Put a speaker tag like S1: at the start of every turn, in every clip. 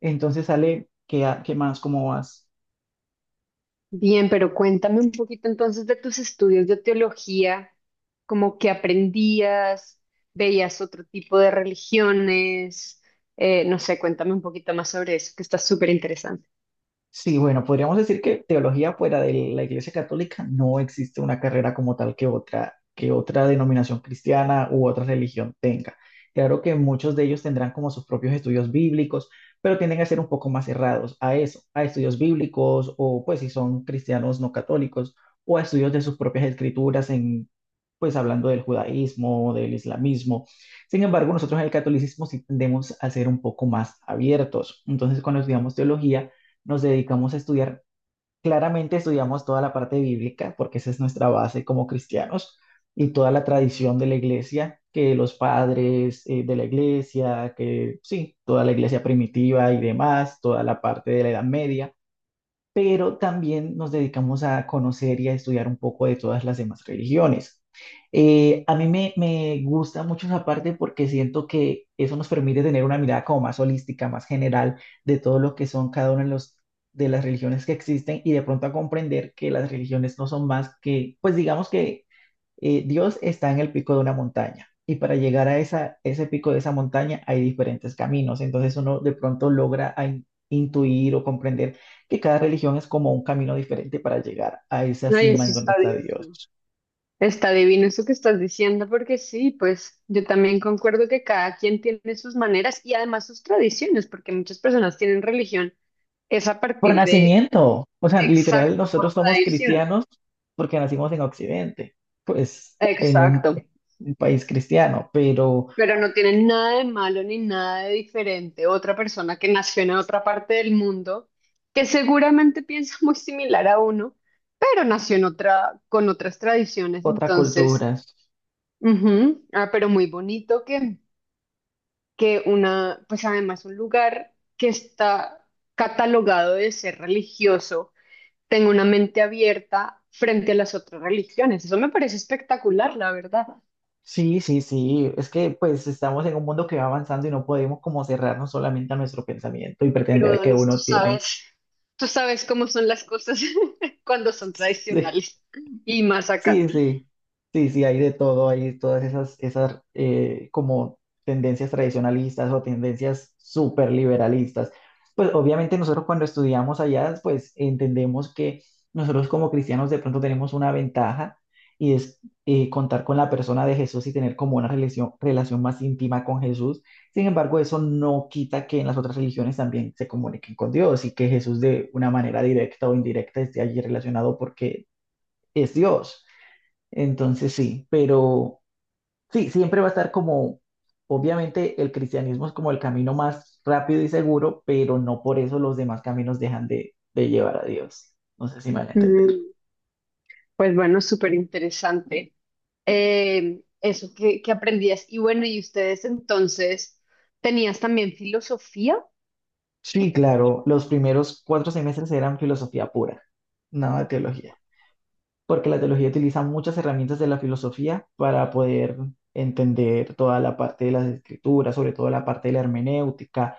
S1: Entonces sale, ¿qué, qué más? ¿Cómo vas?
S2: Bien, pero cuéntame un poquito entonces de tus estudios de teología, como que aprendías, veías otro tipo de religiones, no sé, cuéntame un poquito más sobre eso, que está súper interesante.
S1: Sí, bueno, podríamos decir que teología fuera de la Iglesia Católica no existe una carrera como tal que otra denominación cristiana u otra religión tenga. Claro que muchos de ellos tendrán como sus propios estudios bíblicos, pero tienden a ser un poco más cerrados a eso, a estudios bíblicos o pues si son cristianos no católicos o a estudios de sus propias escrituras en pues hablando del judaísmo, del islamismo. Sin embargo, nosotros en el catolicismo sí tendemos a ser un poco más abiertos. Entonces, cuando estudiamos teología, nos dedicamos a estudiar. Claramente estudiamos toda la parte bíblica, porque esa es nuestra base como cristianos, y toda la tradición de la iglesia, que los padres de la iglesia, que sí, toda la iglesia primitiva y demás, toda la parte de la Edad Media, pero también nos dedicamos a conocer y a estudiar un poco de todas las demás religiones. A mí me gusta mucho esa parte porque siento que eso nos permite tener una mirada como más holística, más general de todo lo que son cada una de, los, de las religiones que existen y de pronto a comprender que las religiones no son más que, pues digamos que Dios está en el pico de una montaña y para llegar a esa, ese pico de esa montaña hay diferentes caminos. Entonces uno de pronto logra a intuir o comprender que cada religión es como un camino diferente para llegar a esa
S2: Ay,
S1: cima
S2: eso
S1: en donde
S2: está
S1: está
S2: divino.
S1: Dios.
S2: Está divino eso que estás diciendo, porque sí, pues yo también concuerdo que cada quien tiene sus maneras y además sus tradiciones, porque muchas personas tienen religión, es a
S1: Por
S2: partir de,
S1: nacimiento, o sea, literal,
S2: exacto, por
S1: nosotros somos
S2: tradición.
S1: cristianos porque nacimos en Occidente, pues en
S2: Exacto.
S1: un país cristiano, pero
S2: Pero no tiene nada de malo ni nada de diferente. Otra persona que nació en otra parte del mundo, que seguramente piensa muy similar a uno, pero nació en otra, con otras tradiciones.
S1: otras
S2: Entonces,
S1: culturas.
S2: ujú. Ah, pero muy bonito que una, pues además un lugar que está catalogado de ser religioso, tenga una mente abierta frente a las otras religiones. Eso me parece espectacular, la verdad.
S1: Sí, sí, sí. Es que pues estamos en un mundo que va avanzando y no podemos como cerrarnos solamente a nuestro pensamiento y
S2: Pero
S1: pretender que
S2: Donis, tú
S1: uno tiene
S2: sabes, tú sabes cómo son las cosas cuando son tradicionales y más acá.
S1: Sí, sí, sí, sí, hay de todo, hay todas esas, esas como tendencias tradicionalistas o tendencias súper liberalistas. Pues obviamente nosotros cuando estudiamos allá, pues entendemos que nosotros como cristianos de pronto tenemos una ventaja y es contar con la persona de Jesús y tener como una relación, relación más íntima con Jesús. Sin embargo, eso no quita que en las otras religiones también se comuniquen con Dios y que Jesús de una manera directa o indirecta esté allí relacionado porque es Dios. Entonces sí, pero sí, siempre va a estar como, obviamente el cristianismo es como el camino más rápido y seguro, pero no por eso los demás caminos dejan de llevar a Dios. No sé si me van a entender.
S2: Mm, pues bueno, súper interesante. Eso que aprendías. Y bueno, ¿y ustedes entonces tenías también filosofía?
S1: Sí, claro, los primeros 4 semestres eran filosofía pura, nada de teología, porque la teología utiliza muchas herramientas de la filosofía para poder entender toda la parte de las escrituras, sobre todo la parte de la hermenéutica.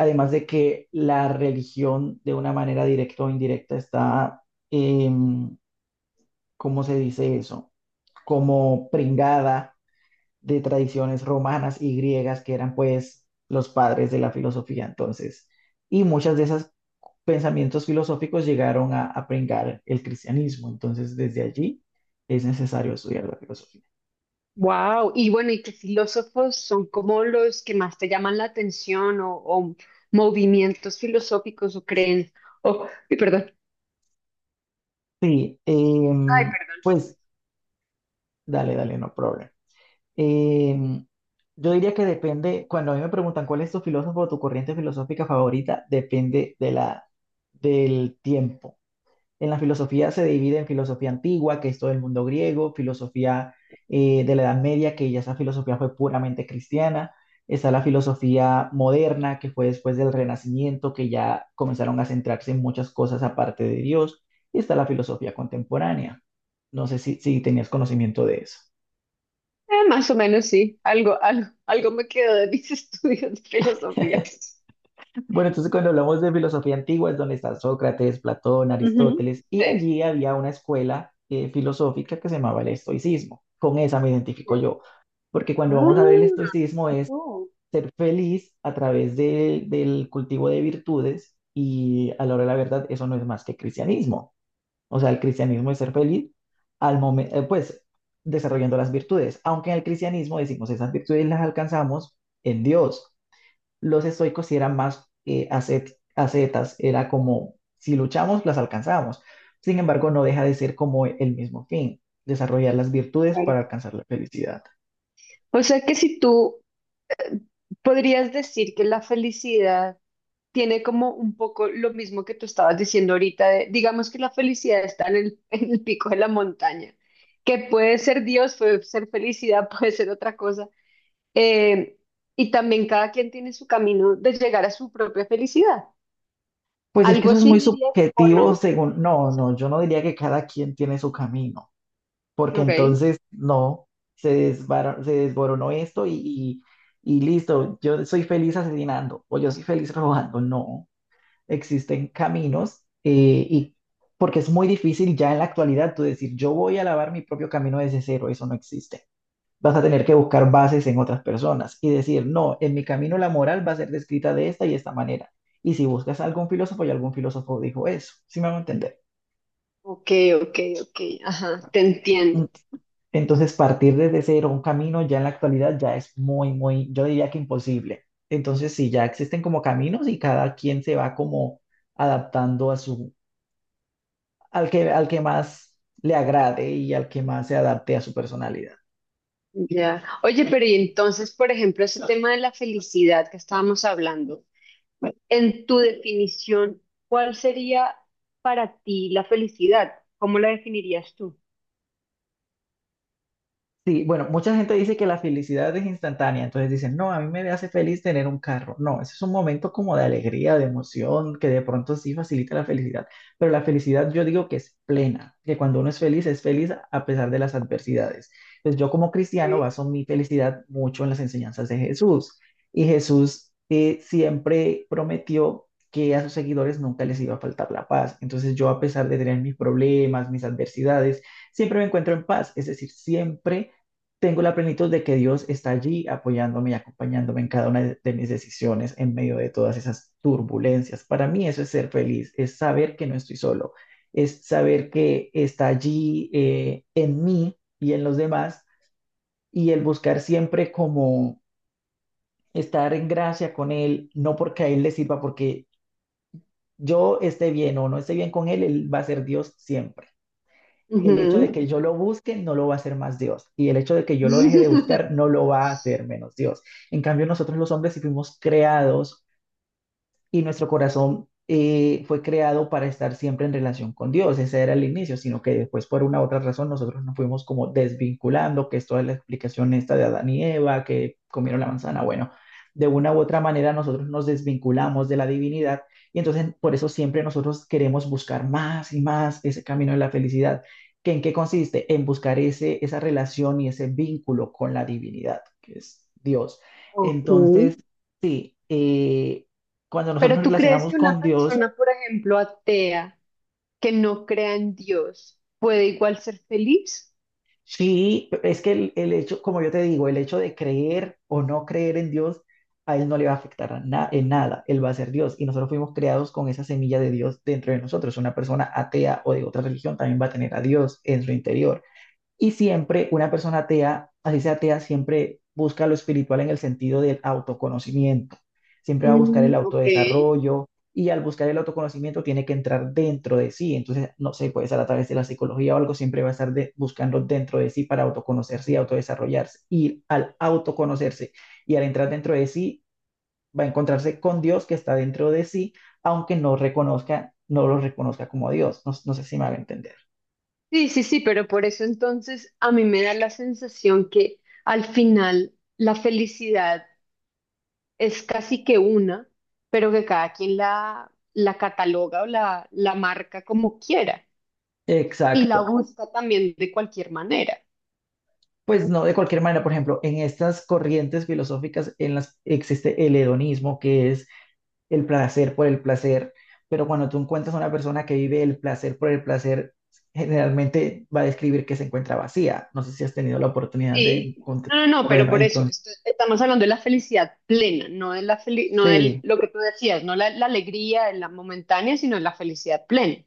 S1: Además de que la religión, de una manera directa o indirecta, está, em, ¿cómo se dice eso? Como pringada de tradiciones romanas y griegas que eran pues los padres de la filosofía entonces. Y muchas de esas pensamientos filosóficos llegaron a pringar el cristianismo. Entonces, desde allí es necesario estudiar la filosofía.
S2: Wow, y bueno, ¿y qué filósofos son como los que más te llaman la atención o movimientos filosóficos o creen o, y perdón,
S1: Sí,
S2: ay, perdón?
S1: pues dale, dale, no problema. Em, yo diría que depende, cuando a mí me preguntan cuál es tu filósofo o tu corriente filosófica favorita, depende de la, del tiempo. En la filosofía se divide en filosofía antigua, que es todo el mundo griego, filosofía de la Edad Media, que ya esa filosofía fue puramente cristiana. Está la filosofía moderna, que fue después del Renacimiento, que ya comenzaron a centrarse en muchas cosas aparte de Dios. Y está la filosofía contemporánea. No sé si, si tenías conocimiento de eso.
S2: Más o menos sí, algo, algo, algo me quedó de mis estudios de filosofía.
S1: Bueno, entonces cuando hablamos de filosofía antigua es donde está Sócrates, Platón,
S2: Ujú.
S1: Aristóteles, y
S2: Sí,
S1: allí había una escuela filosófica que se llamaba el estoicismo. Con esa me
S2: sí.
S1: identifico yo, porque cuando vamos a ver el estoicismo
S2: Ah,
S1: es
S2: tú.
S1: ser feliz a través del cultivo de virtudes y a la hora de la verdad eso no es más que cristianismo. O sea, el cristianismo es ser feliz al momento, pues desarrollando las virtudes, aunque en el cristianismo decimos esas virtudes las alcanzamos en Dios. Los estoicos sí eran más ascetas, era como si luchamos, las alcanzamos. Sin embargo, no deja de ser como el mismo fin, desarrollar las virtudes
S2: Claro.
S1: para alcanzar la felicidad.
S2: O sea que si tú eh, podrías decir que la felicidad tiene como un poco lo mismo que tú estabas diciendo ahorita, de- digamos que la felicidad está en el, en el pico de la montaña, que puede ser Dios, puede ser felicidad, puede ser otra cosa, eh, y también cada quien tiene su camino de llegar a su propia felicidad.
S1: Pues es que
S2: ¿Algo
S1: eso es
S2: así
S1: muy
S2: dirías o no?
S1: subjetivo según, no, no, yo no diría que cada quien tiene su camino, porque
S2: Ok,
S1: entonces no, se desboronó esto y listo, yo soy feliz asesinando o yo soy feliz robando, no. Existen caminos porque es muy difícil ya en la actualidad tú decir, yo voy a lavar mi propio camino desde cero, eso no existe. Vas a tener que buscar bases en otras personas y decir, no, en mi camino la moral va a ser descrita de esta y esta manera. Y si buscas a algún filósofo, y algún filósofo dijo eso, ¿sí me van a entender?
S2: ok, ok, ok, ajá, te entiendo.
S1: Entonces, partir desde cero un camino ya en la actualidad ya es muy, muy, yo diría que imposible. Entonces, sí, ya existen como caminos y cada quien se va como adaptando a su, al que más le agrade y al que más se adapte a su personalidad.
S2: Ya. Oye, pero y entonces, por ejemplo, ese tema de la felicidad que estábamos hablando, en tu definición, ¿cuál sería para ti la felicidad? ¿Cómo la definirías tú?
S1: Sí, bueno, mucha gente dice que la felicidad es instantánea, entonces dicen, no, a mí me hace feliz tener un carro. No, ese es un momento como de alegría, de emoción, que de pronto sí facilita la felicidad, pero la felicidad yo digo que es plena, que cuando uno es feliz a pesar de las adversidades. Entonces yo como cristiano
S2: Sí.
S1: baso mi felicidad mucho en las enseñanzas de Jesús, y Jesús siempre prometió que a sus seguidores nunca les iba a faltar la paz. Entonces yo a pesar de tener mis problemas, mis adversidades, siempre me encuentro en paz, es decir, siempre tengo la plenitud de que Dios está allí apoyándome y acompañándome en cada una de mis decisiones en medio de todas esas turbulencias. Para mí eso es ser feliz, es saber que no estoy solo, es saber que está allí en mí y en los demás y el buscar siempre como estar en gracia con Él, no porque a Él le sirva, porque yo esté bien o no esté bien con Él, Él va a ser Dios siempre. El hecho de
S2: Ujú.
S1: que yo lo busque no lo va a hacer más Dios y el hecho de que yo lo deje de buscar no lo va a hacer menos Dios. En cambio, nosotros los hombres sí fuimos creados y nuestro corazón fue creado para estar siempre en relación con Dios. Ese era el inicio, sino que después por una u otra razón nosotros nos fuimos como desvinculando, que es toda la explicación esta de Adán y Eva, que comieron la manzana. Bueno, de una u otra manera nosotros nos desvinculamos de la divinidad y entonces por eso siempre nosotros queremos buscar más y más ese camino de la felicidad. ¿Que en qué consiste? En buscar ese, esa relación y ese vínculo con la divinidad, que es Dios.
S2: Ok.
S1: Entonces, sí, cuando nosotros
S2: Pero
S1: nos
S2: ¿tú crees
S1: relacionamos
S2: que una
S1: con Dios,
S2: persona, por ejemplo, atea, que no crea en Dios, puede igual ser feliz?
S1: sí, es que el hecho, como yo te digo, el hecho de creer o no creer en Dios, a Él no le va a afectar en nada, Él va a ser Dios. Y nosotros fuimos creados con esa semilla de Dios dentro de nosotros. Una persona atea o de otra religión también va a tener a Dios en su interior. Y siempre una persona atea, así sea atea, siempre busca lo espiritual en el sentido del autoconocimiento. Siempre va a buscar el
S2: Mm, ok.
S1: autodesarrollo y al buscar el autoconocimiento tiene que entrar dentro de sí. Entonces, no sé, puede ser a través de la psicología o algo, siempre va a estar buscando dentro de sí para autoconocerse y autodesarrollarse. Y al autoconocerse y al entrar dentro de sí, va a encontrarse con Dios que está dentro de sí, aunque no reconozca, no lo reconozca como Dios. No, no sé si me va a entender.
S2: Sí, sí, sí, pero por eso entonces a mí me da la sensación que al final la felicidad es casi que una, pero que cada quien la, la cataloga o la marca como quiera y la
S1: Exacto.
S2: busca también de cualquier manera.
S1: Pues no, de cualquier manera, por ejemplo, en estas corrientes filosóficas en las existe el hedonismo, que es el placer por el placer, pero cuando tú encuentras a una persona que vive el placer por el placer, generalmente va a describir que se encuentra vacía. No sé si has tenido la oportunidad de
S2: Sí,
S1: encontrar.
S2: no, no, no, pero
S1: Bueno,
S2: por eso
S1: entonces,
S2: esto- estamos hablando de la felicidad plena, no de la feli- no de
S1: sí.
S2: lo que tú decías, no la, la alegría, la momentánea, sino la felicidad plena.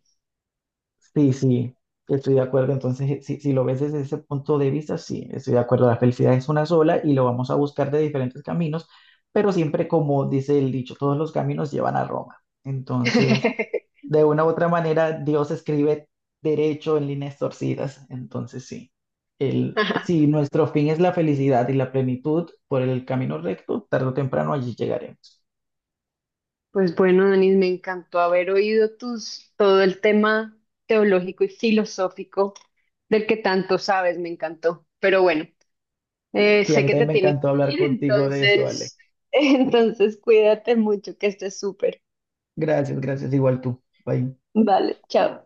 S1: Sí, sí, estoy de acuerdo. Entonces, si, si lo ves desde ese punto de vista, sí, estoy de acuerdo. La felicidad es una sola y lo vamos a buscar de diferentes caminos, pero siempre como dice el dicho, todos los caminos llevan a Roma. Entonces, de una u otra manera, Dios escribe derecho en líneas torcidas. Entonces, sí, el, si nuestro fin es la felicidad y la plenitud por el camino recto, tarde o temprano allí llegaremos.
S2: Pues bueno, Denis, me encantó haber oído tus, todo el tema teológico y filosófico del que tanto sabes, me encantó. Pero bueno,
S1: Sí, a
S2: sé
S1: mí
S2: que
S1: también
S2: te
S1: me
S2: tienes
S1: encantó
S2: que
S1: hablar
S2: ir,
S1: contigo de eso, Ale.
S2: entonces, entonces cuídate mucho, que estés súper.
S1: Gracias, gracias, igual tú. Bye.
S2: Vale, chao.